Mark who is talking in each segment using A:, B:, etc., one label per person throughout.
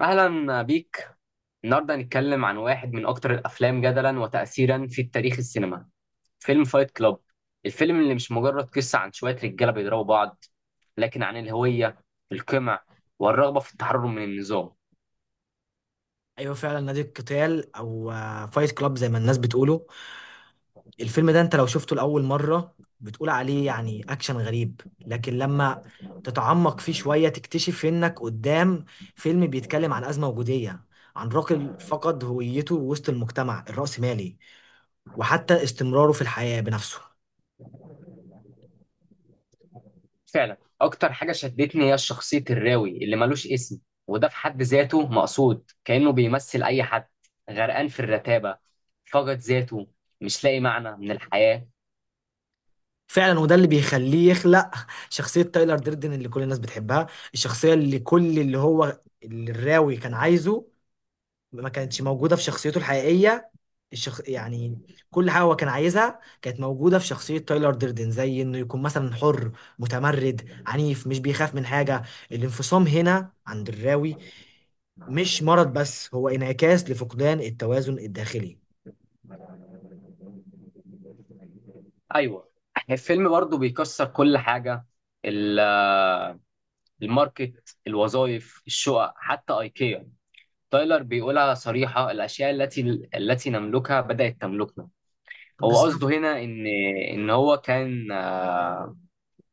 A: أهلا بيك. النهاردة هنتكلم عن واحد من أكتر الأفلام جدلا وتأثيرا في تاريخ السينما، فيلم فايت كلاب. الفيلم اللي مش مجرد قصة عن شوية رجالة بيضربوا بعض، لكن عن الهوية، القمع، والرغبة في التحرر من النظام.
B: ايوه، فعلا. نادي القتال او فايت كلاب زي ما الناس بتقوله. الفيلم ده انت لو شفته لاول مره بتقول عليه يعني اكشن غريب، لكن لما تتعمق فيه شويه تكتشف انك قدام فيلم بيتكلم عن ازمه وجوديه، عن راجل فقد هويته وسط المجتمع الرأسمالي وحتى استمراره في الحياه بنفسه.
A: فعلا أكتر حاجة شدتني هي شخصية الراوي اللي ملوش اسم، وده في حد ذاته مقصود، كأنه بيمثل أي حد غرقان في الرتابة، فقد ذاته، مش لاقي معنى من الحياة.
B: فعلا، وده اللي بيخليه يخلق شخصيه تايلر ديردن اللي كل الناس بتحبها. الشخصيه اللي كل اللي الراوي كان عايزه ما كانتش موجودة في شخصيته الحقيقية. يعني كل حاجة هو كان عايزها كانت موجودة في شخصية تايلر ديردن، زي إنه يكون مثلا حر، متمرد، عنيف، مش بيخاف من حاجة. الانفصام هنا عند الراوي مش مرض، بس هو انعكاس لفقدان التوازن الداخلي.
A: ايوه، الفيلم برضو بيكسر كل حاجه. ال- الماركت، الوظائف، الشقق، حتى ايكيا. تايلر بيقولها صريحه: الاشياء التي نملكها بدات تملكنا. هو قصده
B: بالظبط.
A: هنا ان ان هو كان آه،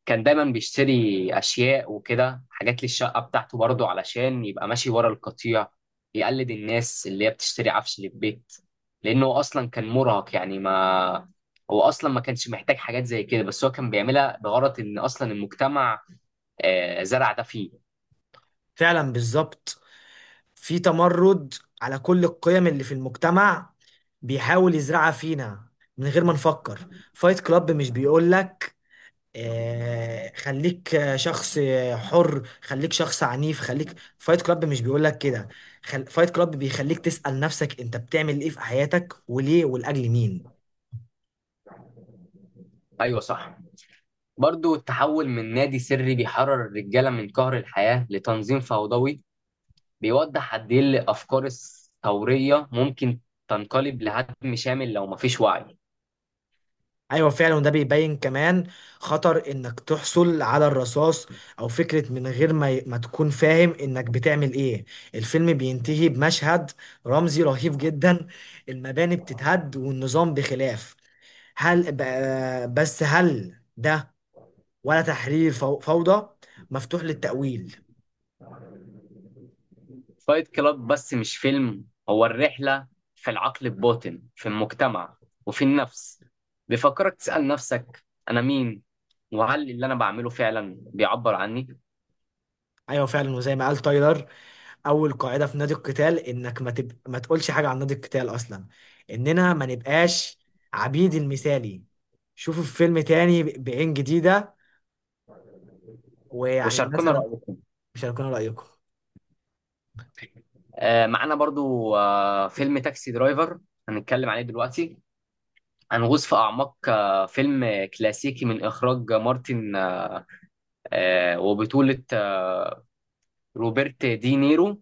A: كان دايما بيشتري اشياء وكده، حاجات للشقه بتاعته برضه علشان يبقى ماشي ورا القطيع، يقلد الناس اللي هي بتشتري عفش للبيت، لانه اصلا كان مراهق. يعني ما هو اصلا ما كانش محتاج حاجات زي كده، بس هو كان بيعملها بغرض ان اصلا المجتمع زرع ده فيه.
B: فعلا بالظبط، في تمرد على كل القيم اللي في المجتمع بيحاول يزرعها فينا من غير ما نفكر. فايت كلاب مش بيقولك خليك شخص حر، خليك شخص عنيف، خليك، فايت كلاب مش بيقول لك كده. فايت كلاب بيخليك تسأل نفسك انت بتعمل ايه في حياتك وليه ولأجل مين؟
A: ايوه صح. برضه التحول من نادي سري بيحرر الرجاله من قهر الحياه لتنظيم فوضوي بيوضح قد ايه الافكار الثوريه ممكن تنقلب لهدم شامل لو مفيش وعي.
B: ايوه فعلا، وده بيبين كمان خطر انك تحصل على الرصاص او فكرة من غير ما ما تكون فاهم انك بتعمل ايه. الفيلم بينتهي بمشهد رمزي رهيب جدا، المباني بتتهد والنظام بخلاف. هل ب... بس هل ده ولا تحرير فوضى؟ مفتوح للتأويل.
A: فايت كلاب بس مش فيلم، هو الرحلة في العقل الباطن، في المجتمع، وفي النفس. بيفكرك تسأل نفسك: أنا مين؟ وهل اللي أنا بعمله فعلا بيعبر عني؟
B: ايوه فعلا، وزي ما قال تايلر، اول قاعده في نادي القتال انك ما تقولش حاجه عن نادي القتال اصلا، اننا ما نبقاش عبيد المثالي. شوفوا الفيلم تاني بعين جديده. ويعني الناس
A: وشاركونا
B: انا
A: رأيكم.
B: مش هيكون رايكم.
A: آه، معانا برضو آه فيلم تاكسي درايفر، هنتكلم عليه دلوقتي. هنغوص في أعماق آه فيلم كلاسيكي من إخراج مارتن آه، وبطولة روبرت دي نيرو.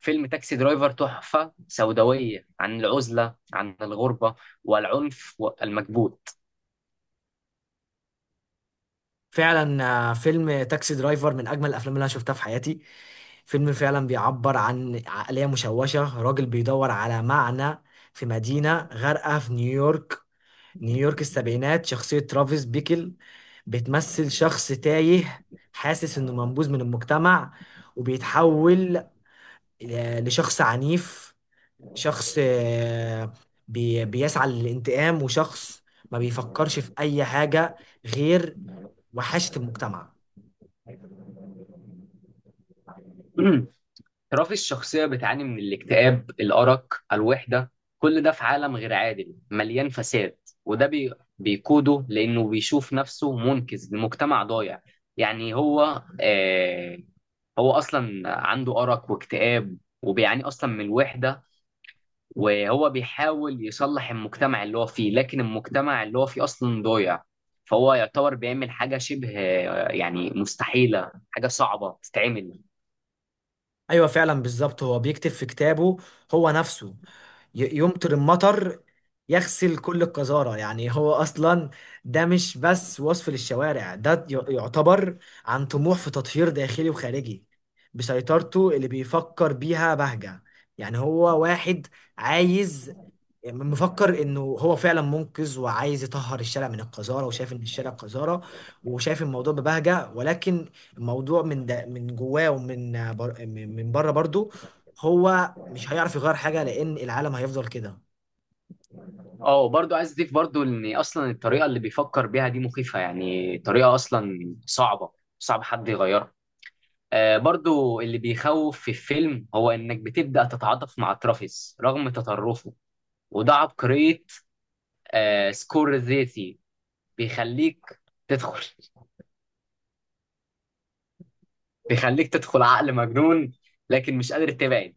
A: فيلم تاكسي درايفر تحفة سوداوية عن العزلة، عن الغربة، والعنف والمكبوت.
B: فعلا، فيلم تاكسي درايفر من اجمل الافلام اللي انا شفتها في حياتي. فيلم فعلا بيعبر عن عقليه مشوشه، راجل بيدور على معنى في مدينه غارقه في نيويورك، نيويورك السبعينات. شخصية ترافيس بيكل بتمثل شخص تايه، حاسس إنه منبوذ من المجتمع، وبيتحول لشخص عنيف، شخص بيسعى للانتقام، وشخص ما بيفكرش في أي حاجة غير وحشة المجتمع.
A: رافي الشخصية بتعاني من الاكتئاب، الأرق، الوحدة، كل ده في عالم غير عادل مليان فساد. وده بي... بيقوده لأنه بيشوف نفسه منقذ لمجتمع ضايع. يعني هو آه... هو أصلا عنده أرق واكتئاب وبيعاني أصلا من الوحدة، وهو بيحاول يصلح المجتمع اللي هو فيه، لكن المجتمع اللي هو فيه أصلا ضايع، فهو يعتبر بيعمل حاجة شبه يعني مستحيلة، حاجة صعبة تتعمل.
B: ايوه فعلا بالظبط، هو بيكتب في كتابه هو نفسه: يمطر المطر يغسل كل القذارة. يعني هو أصلا ده مش بس وصف للشوارع، ده يعتبر عن طموح في تطهير داخلي وخارجي. بسيطرته اللي بيفكر بيها بهجة، يعني هو واحد عايز، مفكر انه هو فعلا منقذ وعايز يطهر الشارع من القذاره، وشايف ان الشارع قذاره، وشايف الموضوع ببهجه. ولكن الموضوع من ده من جواه، ومن بر من من بره برضو، هو مش هيعرف يغير حاجه لان العالم هيفضل كده.
A: اه برضو عايز أضيف برضو إن أصلا الطريقة اللي بيفكر بيها دي مخيفة، يعني طريقة أصلا صعبة، صعب حد يغيرها. آه برضو اللي بيخوف في الفيلم هو إنك بتبدأ تتعاطف مع ترافيس رغم تطرفه، وده عبقرية آه سكورسيزي. بيخليك تدخل بيخليك تدخل عقل مجنون لكن مش قادر تبعد.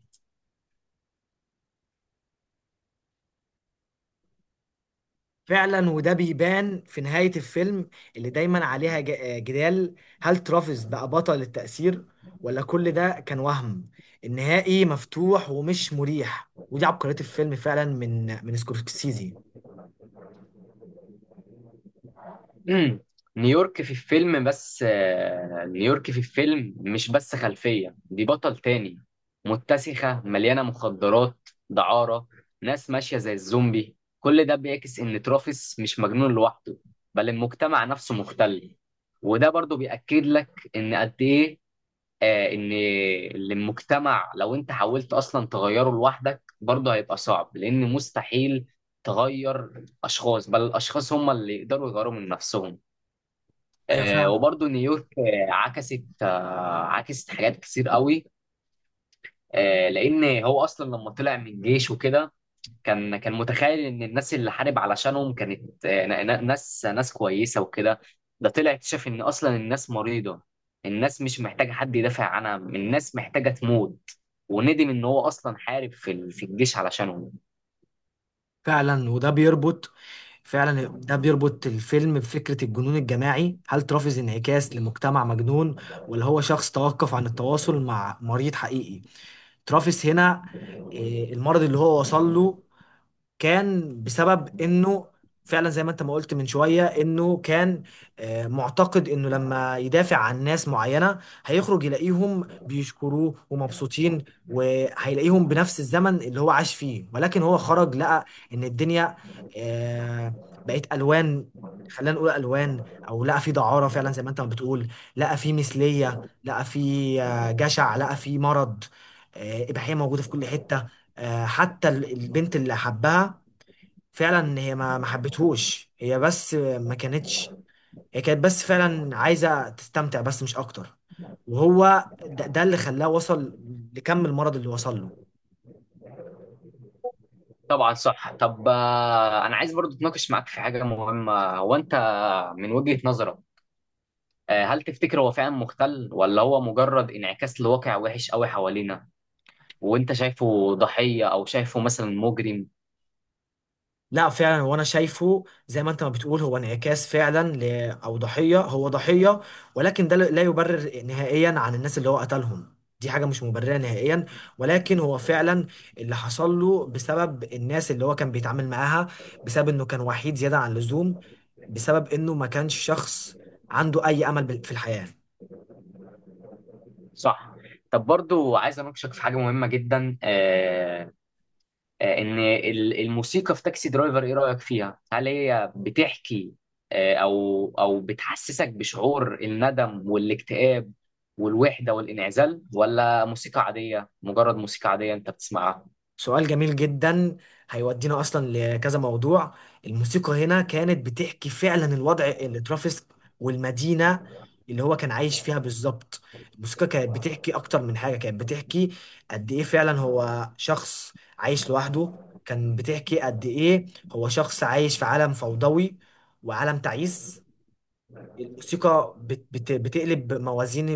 B: فعلا، وده بيبان في نهايه الفيلم اللي دايما عليها جدال. هل ترافيس بقى بطل التأثير ولا كل ده كان وهم؟ النهائي مفتوح ومش مريح، ودي عبقريه الفيلم فعلا من سكورسيزي.
A: مم. نيويورك في الفيلم مش بس خلفية، دي بطل تاني. متسخة، مليانة مخدرات، دعارة، ناس ماشية زي الزومبي. كل ده بيعكس إن ترافيس مش مجنون لوحده، بل المجتمع نفسه مختل. وده برضو بيأكد لك إن قد إيه آه، ان المجتمع لو انت حاولت اصلا تغيره لوحدك برضه هيبقى صعب، لان مستحيل تغير اشخاص، بل الاشخاص هم اللي يقدروا يغيروا من نفسهم.
B: ايوه فعلا،
A: وبرضه نيويورك عكست عكست حاجات كتير قوي، لان هو اصلا لما طلع من الجيش وكده كان متخيل ان الناس اللي حارب علشانهم كانت ناس كويسه وكده. ده طلع اكتشف ان اصلا الناس مريضه، الناس مش محتاجه حد يدافع عنها، الناس محتاجه تموت، وندم ان هو اصلا حارب في الجيش علشانهم.
B: فعلا وده بيربط فعلا ده بيربط الفيلم بفكرة الجنون الجماعي. هل ترافز انعكاس لمجتمع مجنون ولا هو شخص توقف عن التواصل مع مريض حقيقي؟ ترافز هنا، المرض اللي هو وصل له كان بسبب انه فعلا زي ما انت ما قلت من شوية، انه كان معتقد انه لما يدافع عن ناس معينة هيخرج يلاقيهم بيشكروه ومبسوطين، وهيلاقيهم بنفس الزمن اللي هو عاش فيه، ولكن هو خرج لقى ان الدنيا آه، بقت الوان. خلينا نقول الوان، او لقى في دعارة فعلا زي ما انت ما بتقول، لقى في مثلية، لقى في جشع، لقى في مرض، إباحية موجودة في كل حتة. آه، حتى البنت اللي حبها، فعلا هي ما حبتهوش، هي بس ما كانتش، هي كانت بس فعلا عايزة تستمتع، بس مش أكتر. وهو ده اللي خلاه وصل لكم المرض اللي وصل له.
A: طبعا صح. طب انا عايز برضو اتناقش معاك في حاجه مهمه. هو انت من وجهه نظرك هل تفتكر هو فعلا مختل ولا هو مجرد انعكاس لواقع وحش قوي حوالينا؟ وانت شايفه ضحيه او شايفه مثلا مجرم؟
B: لا، فعلا وانا شايفه زي ما انت ما بتقول هو انعكاس فعلا او ضحية، هو ضحية، ولكن ده لا يبرر نهائيا عن الناس اللي هو قتلهم، دي حاجة مش مبررة نهائيا. ولكن هو فعلا اللي حصل له بسبب الناس اللي هو كان بيتعامل معاها، بسبب انه كان وحيد زيادة عن اللزوم، بسبب انه ما كانش شخص عنده اي امل في الحياة.
A: صح. طب برضو عايز اناقشك في حاجه مهمه جدا الموسيقى في تاكسي درايفر ايه رأيك فيها؟ هل هي بتحكي او بتحسسك بشعور الندم والاكتئاب والوحدة والانعزال، ولا موسيقى عادية، مجرد موسيقى عادية انت بتسمعها؟
B: سؤال جميل جدا، هيودينا اصلا لكذا موضوع. الموسيقى هنا كانت بتحكي فعلا الوضع اللي ترافيس والمدينة اللي هو كان عايش فيها بالظبط. الموسيقى كانت بتحكي اكتر من حاجة، كانت بتحكي قد ايه فعلا هو شخص عايش لوحده، كان بتحكي قد ايه هو شخص عايش في عالم فوضوي وعالم تعيس. الموسيقى بت بت بتقلب موازين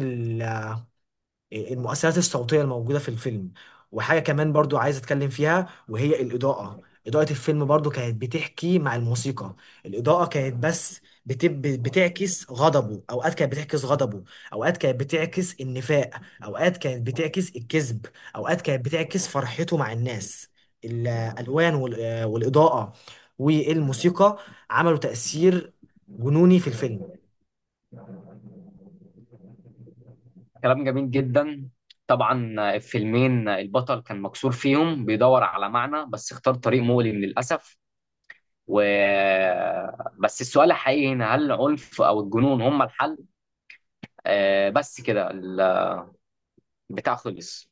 B: المؤثرات الصوتية الموجودة في الفيلم. وحاجة كمان برضو عايز أتكلم فيها وهي الإضاءة. إضاءة الفيلم برضو كانت بتحكي مع الموسيقى. الإضاءة كانت بس بتعكس غضبه، أوقات كانت بتعكس غضبه، أوقات كانت بتعكس النفاق، أوقات كانت بتعكس الكذب، أوقات كانت بتعكس فرحته مع الناس. الألوان والإضاءة والموسيقى عملوا تأثير جنوني في الفيلم.
A: كلام جميل جدا. طبعا الفيلمين البطل كان مكسور فيهم، بيدور على معنى، بس اختار طريق مؤلم للأسف. و بس السؤال الحقيقي هنا: هل العنف او الجنون هم الحل؟ بس كده، البتاع خلص.